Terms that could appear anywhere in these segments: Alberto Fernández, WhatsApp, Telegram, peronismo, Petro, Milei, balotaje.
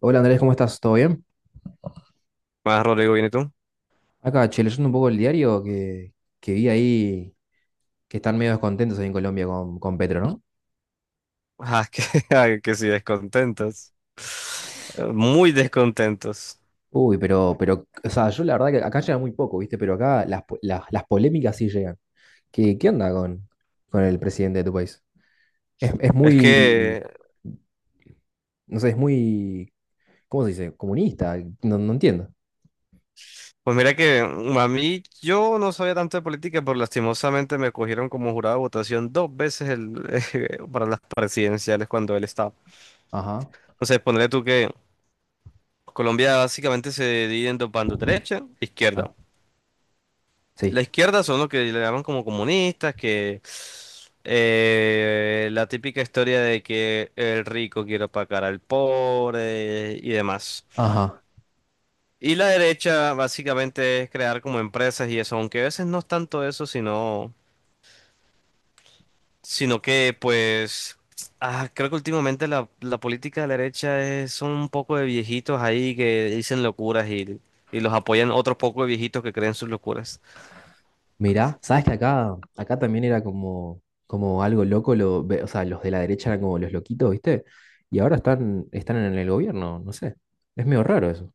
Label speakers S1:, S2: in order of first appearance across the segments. S1: Hola Andrés, ¿cómo estás? ¿Todo bien?
S2: Más Rodrigo, ¿viene tú?
S1: Acá, che, leyendo un poco el diario que vi ahí que están medio descontentos ahí en Colombia con Petro, ¿no?
S2: Ah, que, ay, que sí, descontentos. Muy descontentos.
S1: Uy, pero, o sea, yo la verdad que acá llega muy poco, ¿viste? Pero acá las polémicas sí llegan. ¿Qué onda con el presidente de tu país? Es
S2: Es
S1: muy,
S2: que,
S1: no sé, es muy, ¿cómo se dice? Comunista, no, no entiendo.
S2: pues mira que a mí yo no sabía tanto de política, pero lastimosamente me cogieron como jurado de votación dos veces el, para las presidenciales cuando él estaba.
S1: Ajá,
S2: Entonces, ponle tú que Colombia básicamente se divide en dos bandos, derecha e
S1: ajá,
S2: izquierda.
S1: sí,
S2: La izquierda son los que le llaman como comunistas, que la típica historia de que el rico quiere opacar al pobre y demás.
S1: ajá.
S2: Y la derecha básicamente es crear como empresas y eso, aunque a veces no es tanto eso, sino, sino que pues creo que últimamente la política de la derecha es, son un poco de viejitos ahí que dicen locuras y los apoyan otros pocos de viejitos que creen sus locuras.
S1: Mirá, sabes que acá también era como algo loco, o sea, los de la derecha eran como los loquitos, ¿viste? Y ahora están en el gobierno, no sé. Es medio raro eso.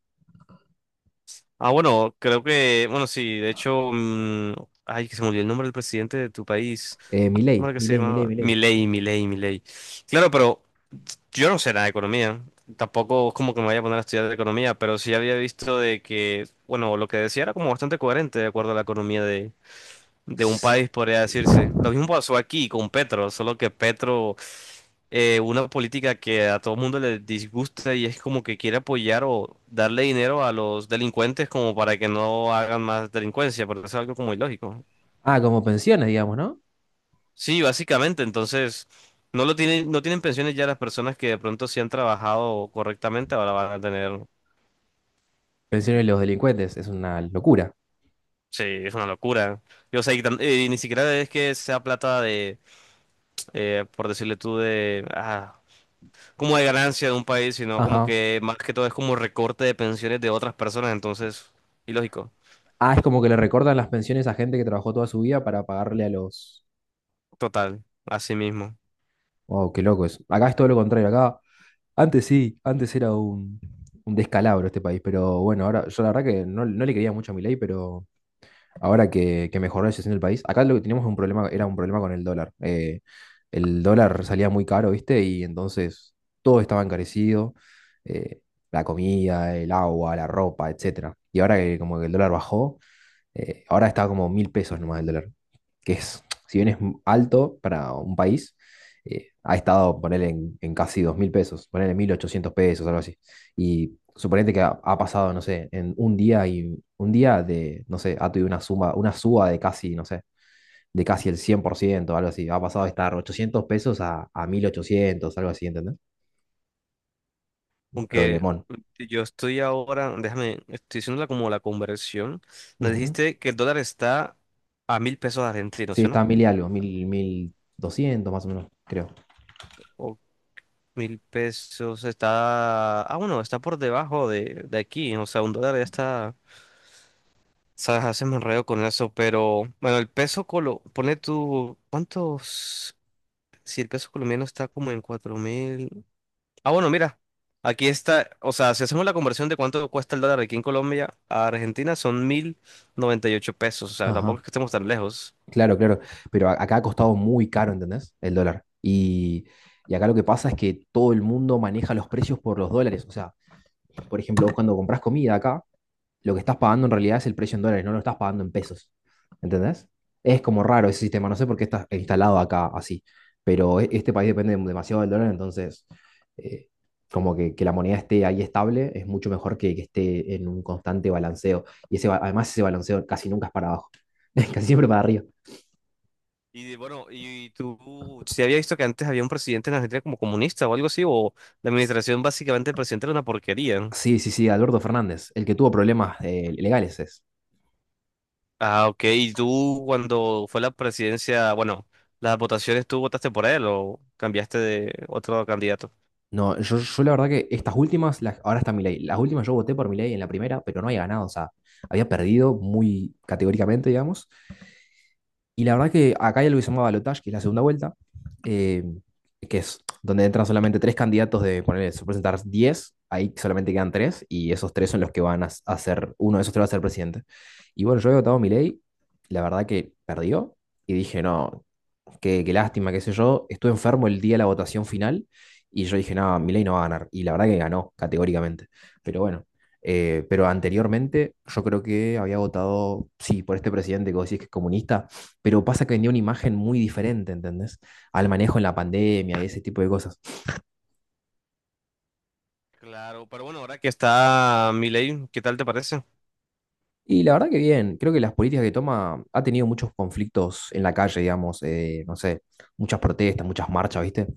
S2: Ah, bueno, creo que, bueno, sí, de hecho, ay, que se me olvidó el nombre del presidente de tu país. ¿Cómo
S1: Milei,
S2: era que se
S1: Milei, Milei,
S2: llamaba?
S1: Milei.
S2: Milei, Milei, Milei. Claro, pero yo no sé nada de economía. Tampoco es como que me vaya a poner a estudiar de economía, pero sí había visto de que, bueno, lo que decía era como bastante coherente de acuerdo a la economía de un
S1: S-
S2: país, podría decirse. Lo mismo pasó aquí con Petro, solo que Petro una política que a todo mundo le disgusta y es como que quiere apoyar o darle dinero a los delincuentes como para que no hagan más delincuencia, porque es algo como ilógico.
S1: Ah, como pensiones, digamos, ¿no?
S2: Sí, básicamente, entonces no lo tienen, no tienen pensiones ya las personas que de pronto sí han trabajado correctamente, ahora van a tener,
S1: Pensiones de los delincuentes, es una locura.
S2: sí, es una locura. Y, o sea, y, y ni siquiera es que sea plata de, por decirle tú, de, como de ganancia de un país, sino como
S1: Ajá.
S2: que más que todo es como recorte de pensiones de otras personas, entonces, ilógico.
S1: Ah, es como que le recortan las pensiones a gente que trabajó toda su vida para pagarle a los.
S2: Total, así mismo.
S1: Wow, qué loco eso. Acá es todo lo contrario, acá. Antes sí, antes era un descalabro este país, pero bueno, ahora yo la verdad que no, no le quería mucho a Milei, pero ahora que mejoró la situación del país, acá lo que teníamos un problema, era un problema con el dólar. El dólar salía muy caro, ¿viste? Y entonces todo estaba encarecido, eh, la comida, el agua, la ropa, etcétera. Y ahora que como que el dólar bajó, ahora está como 1.000 pesos nomás el dólar, que es, si bien es alto para un país, ha estado, ponele, en casi 2.000 pesos, ponele 1.800 pesos, algo así. Y suponete que ha pasado, no sé, en un día y un día de, no sé, ha tenido una suma, una suba de casi, no sé, de casi el 100% algo así. Ha pasado de estar 800 pesos a 1.800 algo así, ¿entendés? Un
S2: Aunque
S1: problemón.
S2: yo estoy ahora, déjame, estoy haciéndola como la conversión. Me
S1: Ujú.
S2: dijiste que el dólar está a 1.000 pesos argentinos,
S1: Sí,
S2: ¿sí o
S1: está
S2: no?
S1: mil y algo, mil doscientos más o menos, creo.
S2: O 1.000 pesos está... Ah, bueno, está por debajo de aquí. O sea, un dólar ya está... Sabes, haces me enredo con eso, pero... Bueno, el peso colo... Pone tú... ¿Cuántos...? Si el peso colombiano está como en 4.000... Ah, bueno, mira, aquí está, o sea, si hacemos la conversión de cuánto cuesta el dólar aquí en Colombia a Argentina, son 1.098 pesos, o sea, tampoco
S1: Ajá.
S2: es que estemos tan lejos.
S1: Claro, claro, pero acá ha costado muy caro, ¿entendés? El dólar. Y acá lo que pasa es que todo el mundo maneja los precios por los dólares. O sea, por ejemplo, vos cuando compras comida acá, lo que estás pagando en realidad es el precio en dólares, no lo estás pagando en pesos. ¿Entendés? Es como raro ese sistema, no sé por qué está instalado acá así, pero este país depende demasiado del dólar, entonces eh, como que la moneda esté ahí estable es mucho mejor que esté en un constante balanceo. Y además ese balanceo casi nunca es para abajo, casi siempre para arriba.
S2: Bueno, y tú, si había visto que antes había un presidente en Argentina como comunista o algo así, o la administración básicamente del presidente era una porquería.
S1: Sí, sí, sí, Alberto Fernández, el que tuvo problemas legales es.
S2: Ah, ok, y tú cuando fue la presidencia, bueno, las votaciones, ¿tú votaste por él o cambiaste de otro candidato?
S1: No, yo la verdad que estas últimas, ahora está Milei. Las últimas yo voté por Milei en la primera, pero no había ganado, o sea, había perdido muy categóricamente, digamos. Y la verdad que acá hay algo que se llama balotaje, que es la segunda vuelta, eh, que es donde entran solamente tres candidatos de ponerle, se presentar 10, ahí solamente quedan tres, y esos tres son los que van a ser, uno de esos tres va a ser presidente. Y bueno, yo he votado Milei, la verdad que perdió, y dije, no, qué lástima, qué sé yo. Estuve enfermo el día de la votación final y yo dije, no, Milei no va a ganar. Y la verdad que ganó, categóricamente. Pero bueno, pero anteriormente yo creo que había votado, sí, por este presidente que vos decís que es comunista, pero pasa que vendió una imagen muy diferente, ¿entendés? Al manejo en la pandemia y ese tipo de cosas.
S2: Claro, pero bueno, ahora que está Milei, ¿qué tal te parece?
S1: Y la verdad que bien, creo que las políticas que toma ha tenido muchos conflictos en la calle, digamos, no sé, muchas protestas, muchas marchas, ¿viste?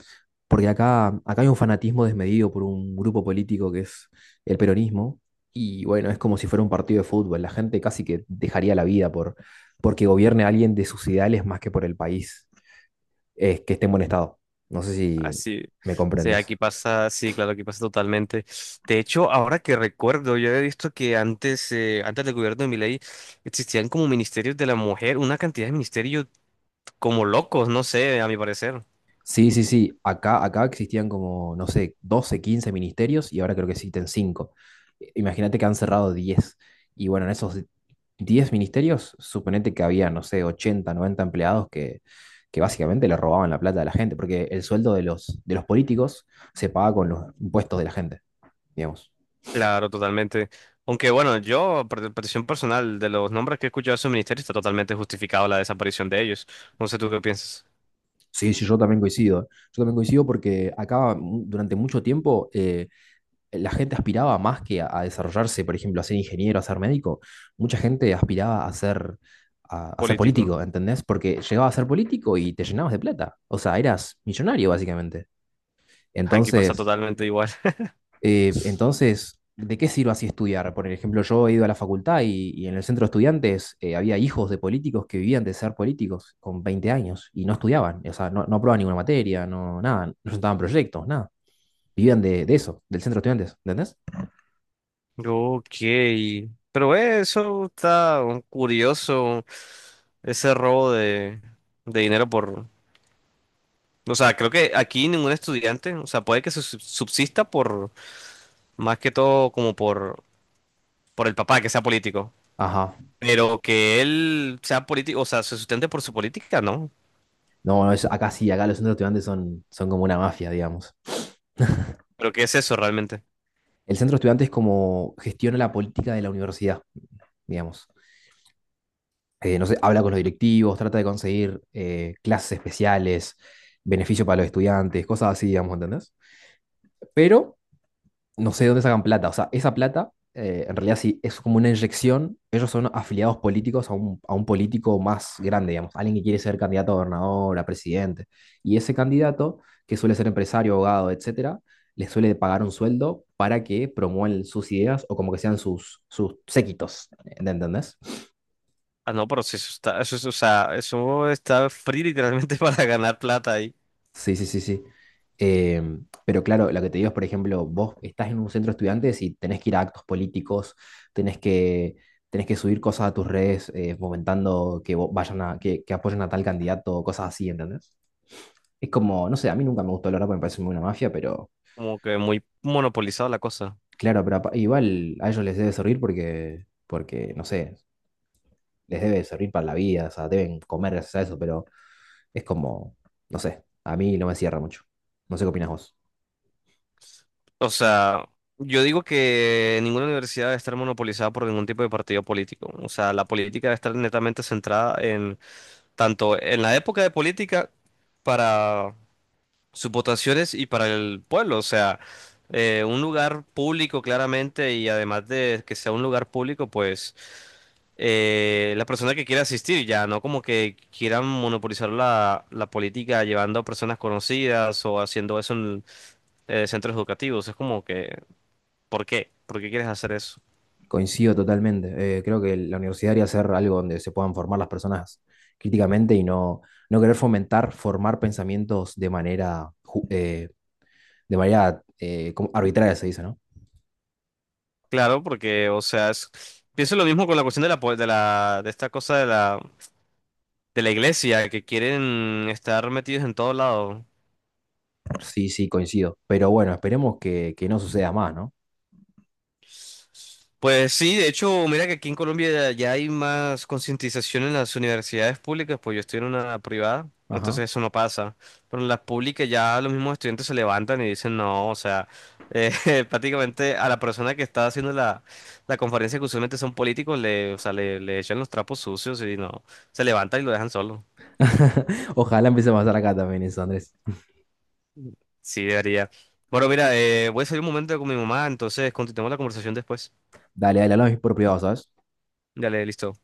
S1: Porque acá hay un fanatismo desmedido por un grupo político que es el peronismo, y bueno, es como si fuera un partido de fútbol, la gente casi que dejaría la vida porque gobierne a alguien de sus ideales más que por el país, que esté en buen estado. No sé si
S2: Así sí,
S1: me
S2: sí,
S1: comprendes.
S2: aquí pasa, sí, claro, aquí pasa totalmente. De hecho, ahora que recuerdo, yo he visto que antes del gobierno de Milei existían como ministerios de la mujer, una cantidad de ministerios como locos, no sé, a mi parecer.
S1: Sí, sí, sí. Acá existían como, no sé, 12 15 ministerios y ahora creo que existen 5. Imagínate que han cerrado 10. Y bueno, en esos 10 ministerios, suponete que había, no sé, 80 90 empleados que básicamente le robaban la plata a la gente, porque el sueldo de los políticos se paga con los impuestos de la gente, digamos.
S2: Claro, totalmente. Aunque bueno, yo, por petición personal, de los nombres que he escuchado de esos ministerios, está totalmente justificado la desaparición de ellos. No sé tú qué piensas,
S1: Sí, sí, yo también coincido. Yo también coincido porque acá durante mucho tiempo la gente aspiraba más que a desarrollarse, por ejemplo, a ser ingeniero, a ser médico, mucha gente aspiraba a ser, a ser
S2: político.
S1: político, ¿entendés? Porque llegabas a ser político y te llenabas de plata, o sea, eras millonario básicamente.
S2: Aquí pasa
S1: Entonces,
S2: totalmente igual.
S1: entonces, ¿de qué sirve así estudiar? Por ejemplo, yo he ido a la facultad y en el centro de estudiantes había hijos de políticos que vivían de ser políticos con 20 años y no estudiaban, o sea, no, no aprobaban ninguna materia, no, nada, no presentaban proyectos, nada. Vivían de eso, del centro de estudiantes, ¿entendés?
S2: Ok, pero eso está un curioso, ese robo de dinero por... O sea, creo que aquí ningún estudiante, o sea, puede que se subsista por, más que todo como por el papá que sea político,
S1: Ajá.
S2: pero que él sea político, o sea, se sustente por su política, ¿no?
S1: No, no, acá sí, acá los centros estudiantes son como una mafia, digamos.
S2: Pero ¿qué es eso realmente?
S1: El centro estudiante es como gestiona la política de la universidad, digamos. No sé, habla con los directivos, trata de conseguir clases especiales, beneficio para los estudiantes, cosas así, digamos, ¿entendés? Pero no sé de dónde sacan plata. O sea, esa plata, en realidad sí, es como una inyección. Ellos son afiliados políticos a un político más grande, digamos, alguien que quiere ser candidato a gobernador, a presidente. Y ese candidato, que suele ser empresario, abogado, etcétera, les suele pagar un sueldo para que promuevan sus ideas o como que sean sus séquitos, ¿entendés?
S2: Ah, no, pero sí, eso está, eso, o sea, eso está free literalmente para ganar plata ahí,
S1: Sí, sí, sí, sí. Pero claro, lo que te digo es, por ejemplo, vos estás en un centro de estudiantes y tenés que ir a actos políticos, tenés que, tenés que subir cosas a tus redes fomentando que vayan a, que apoyen a tal candidato, cosas así, ¿entendés? Es como, no sé, a mí nunca me gustó la verdad porque me parece muy una mafia, pero
S2: como que muy monopolizado la cosa.
S1: claro, pero igual a ellos les debe servir porque, no sé, les debe servir para la vida, o sea, deben comer gracias a eso, pero es como, no sé, a mí no me cierra mucho. No sé qué opinas vos.
S2: O sea, yo digo que ninguna universidad debe estar monopolizada por ningún tipo de partido político. O sea, la política debe estar netamente centrada en tanto en la época de política para sus votaciones y para el pueblo. O sea, un lugar público claramente y además de que sea un lugar público, pues la persona que quiera asistir ya, no como que quieran monopolizar la política llevando a personas conocidas o haciendo eso en centros educativos. Es como que... ¿Por qué? ¿Por qué quieres hacer eso?
S1: Coincido totalmente. Creo que la universidad debería ser algo donde se puedan formar las personas críticamente y no, no querer fomentar, formar pensamientos de manera, como arbitraria, se dice, ¿no?
S2: Claro, porque, o sea, pienso lo mismo con la cuestión de la, de la, de esta cosa de la, iglesia, que quieren estar metidos en todo lado.
S1: Sí, sí, coincido. Pero bueno, esperemos que no suceda más, ¿no?
S2: Pues sí, de hecho, mira que aquí en Colombia ya hay más concientización en las universidades públicas, pues yo estoy en una privada,
S1: Ajá.
S2: entonces eso no pasa. Pero en las públicas ya los mismos estudiantes se levantan y dicen, no, o sea, eh, prácticamente a la persona que está haciendo la conferencia, que usualmente son políticos, le, o sea, le echan los trapos sucios y no, se levantan y lo dejan solo.
S1: Ojalá empiece a pasar acá también eso, Andrés.
S2: Sí, debería. Bueno, mira, voy a salir un momento con mi mamá, entonces continuamos la conversación después.
S1: Dale, dale, hablamos por privado, ¿sabes?
S2: Dale, listo.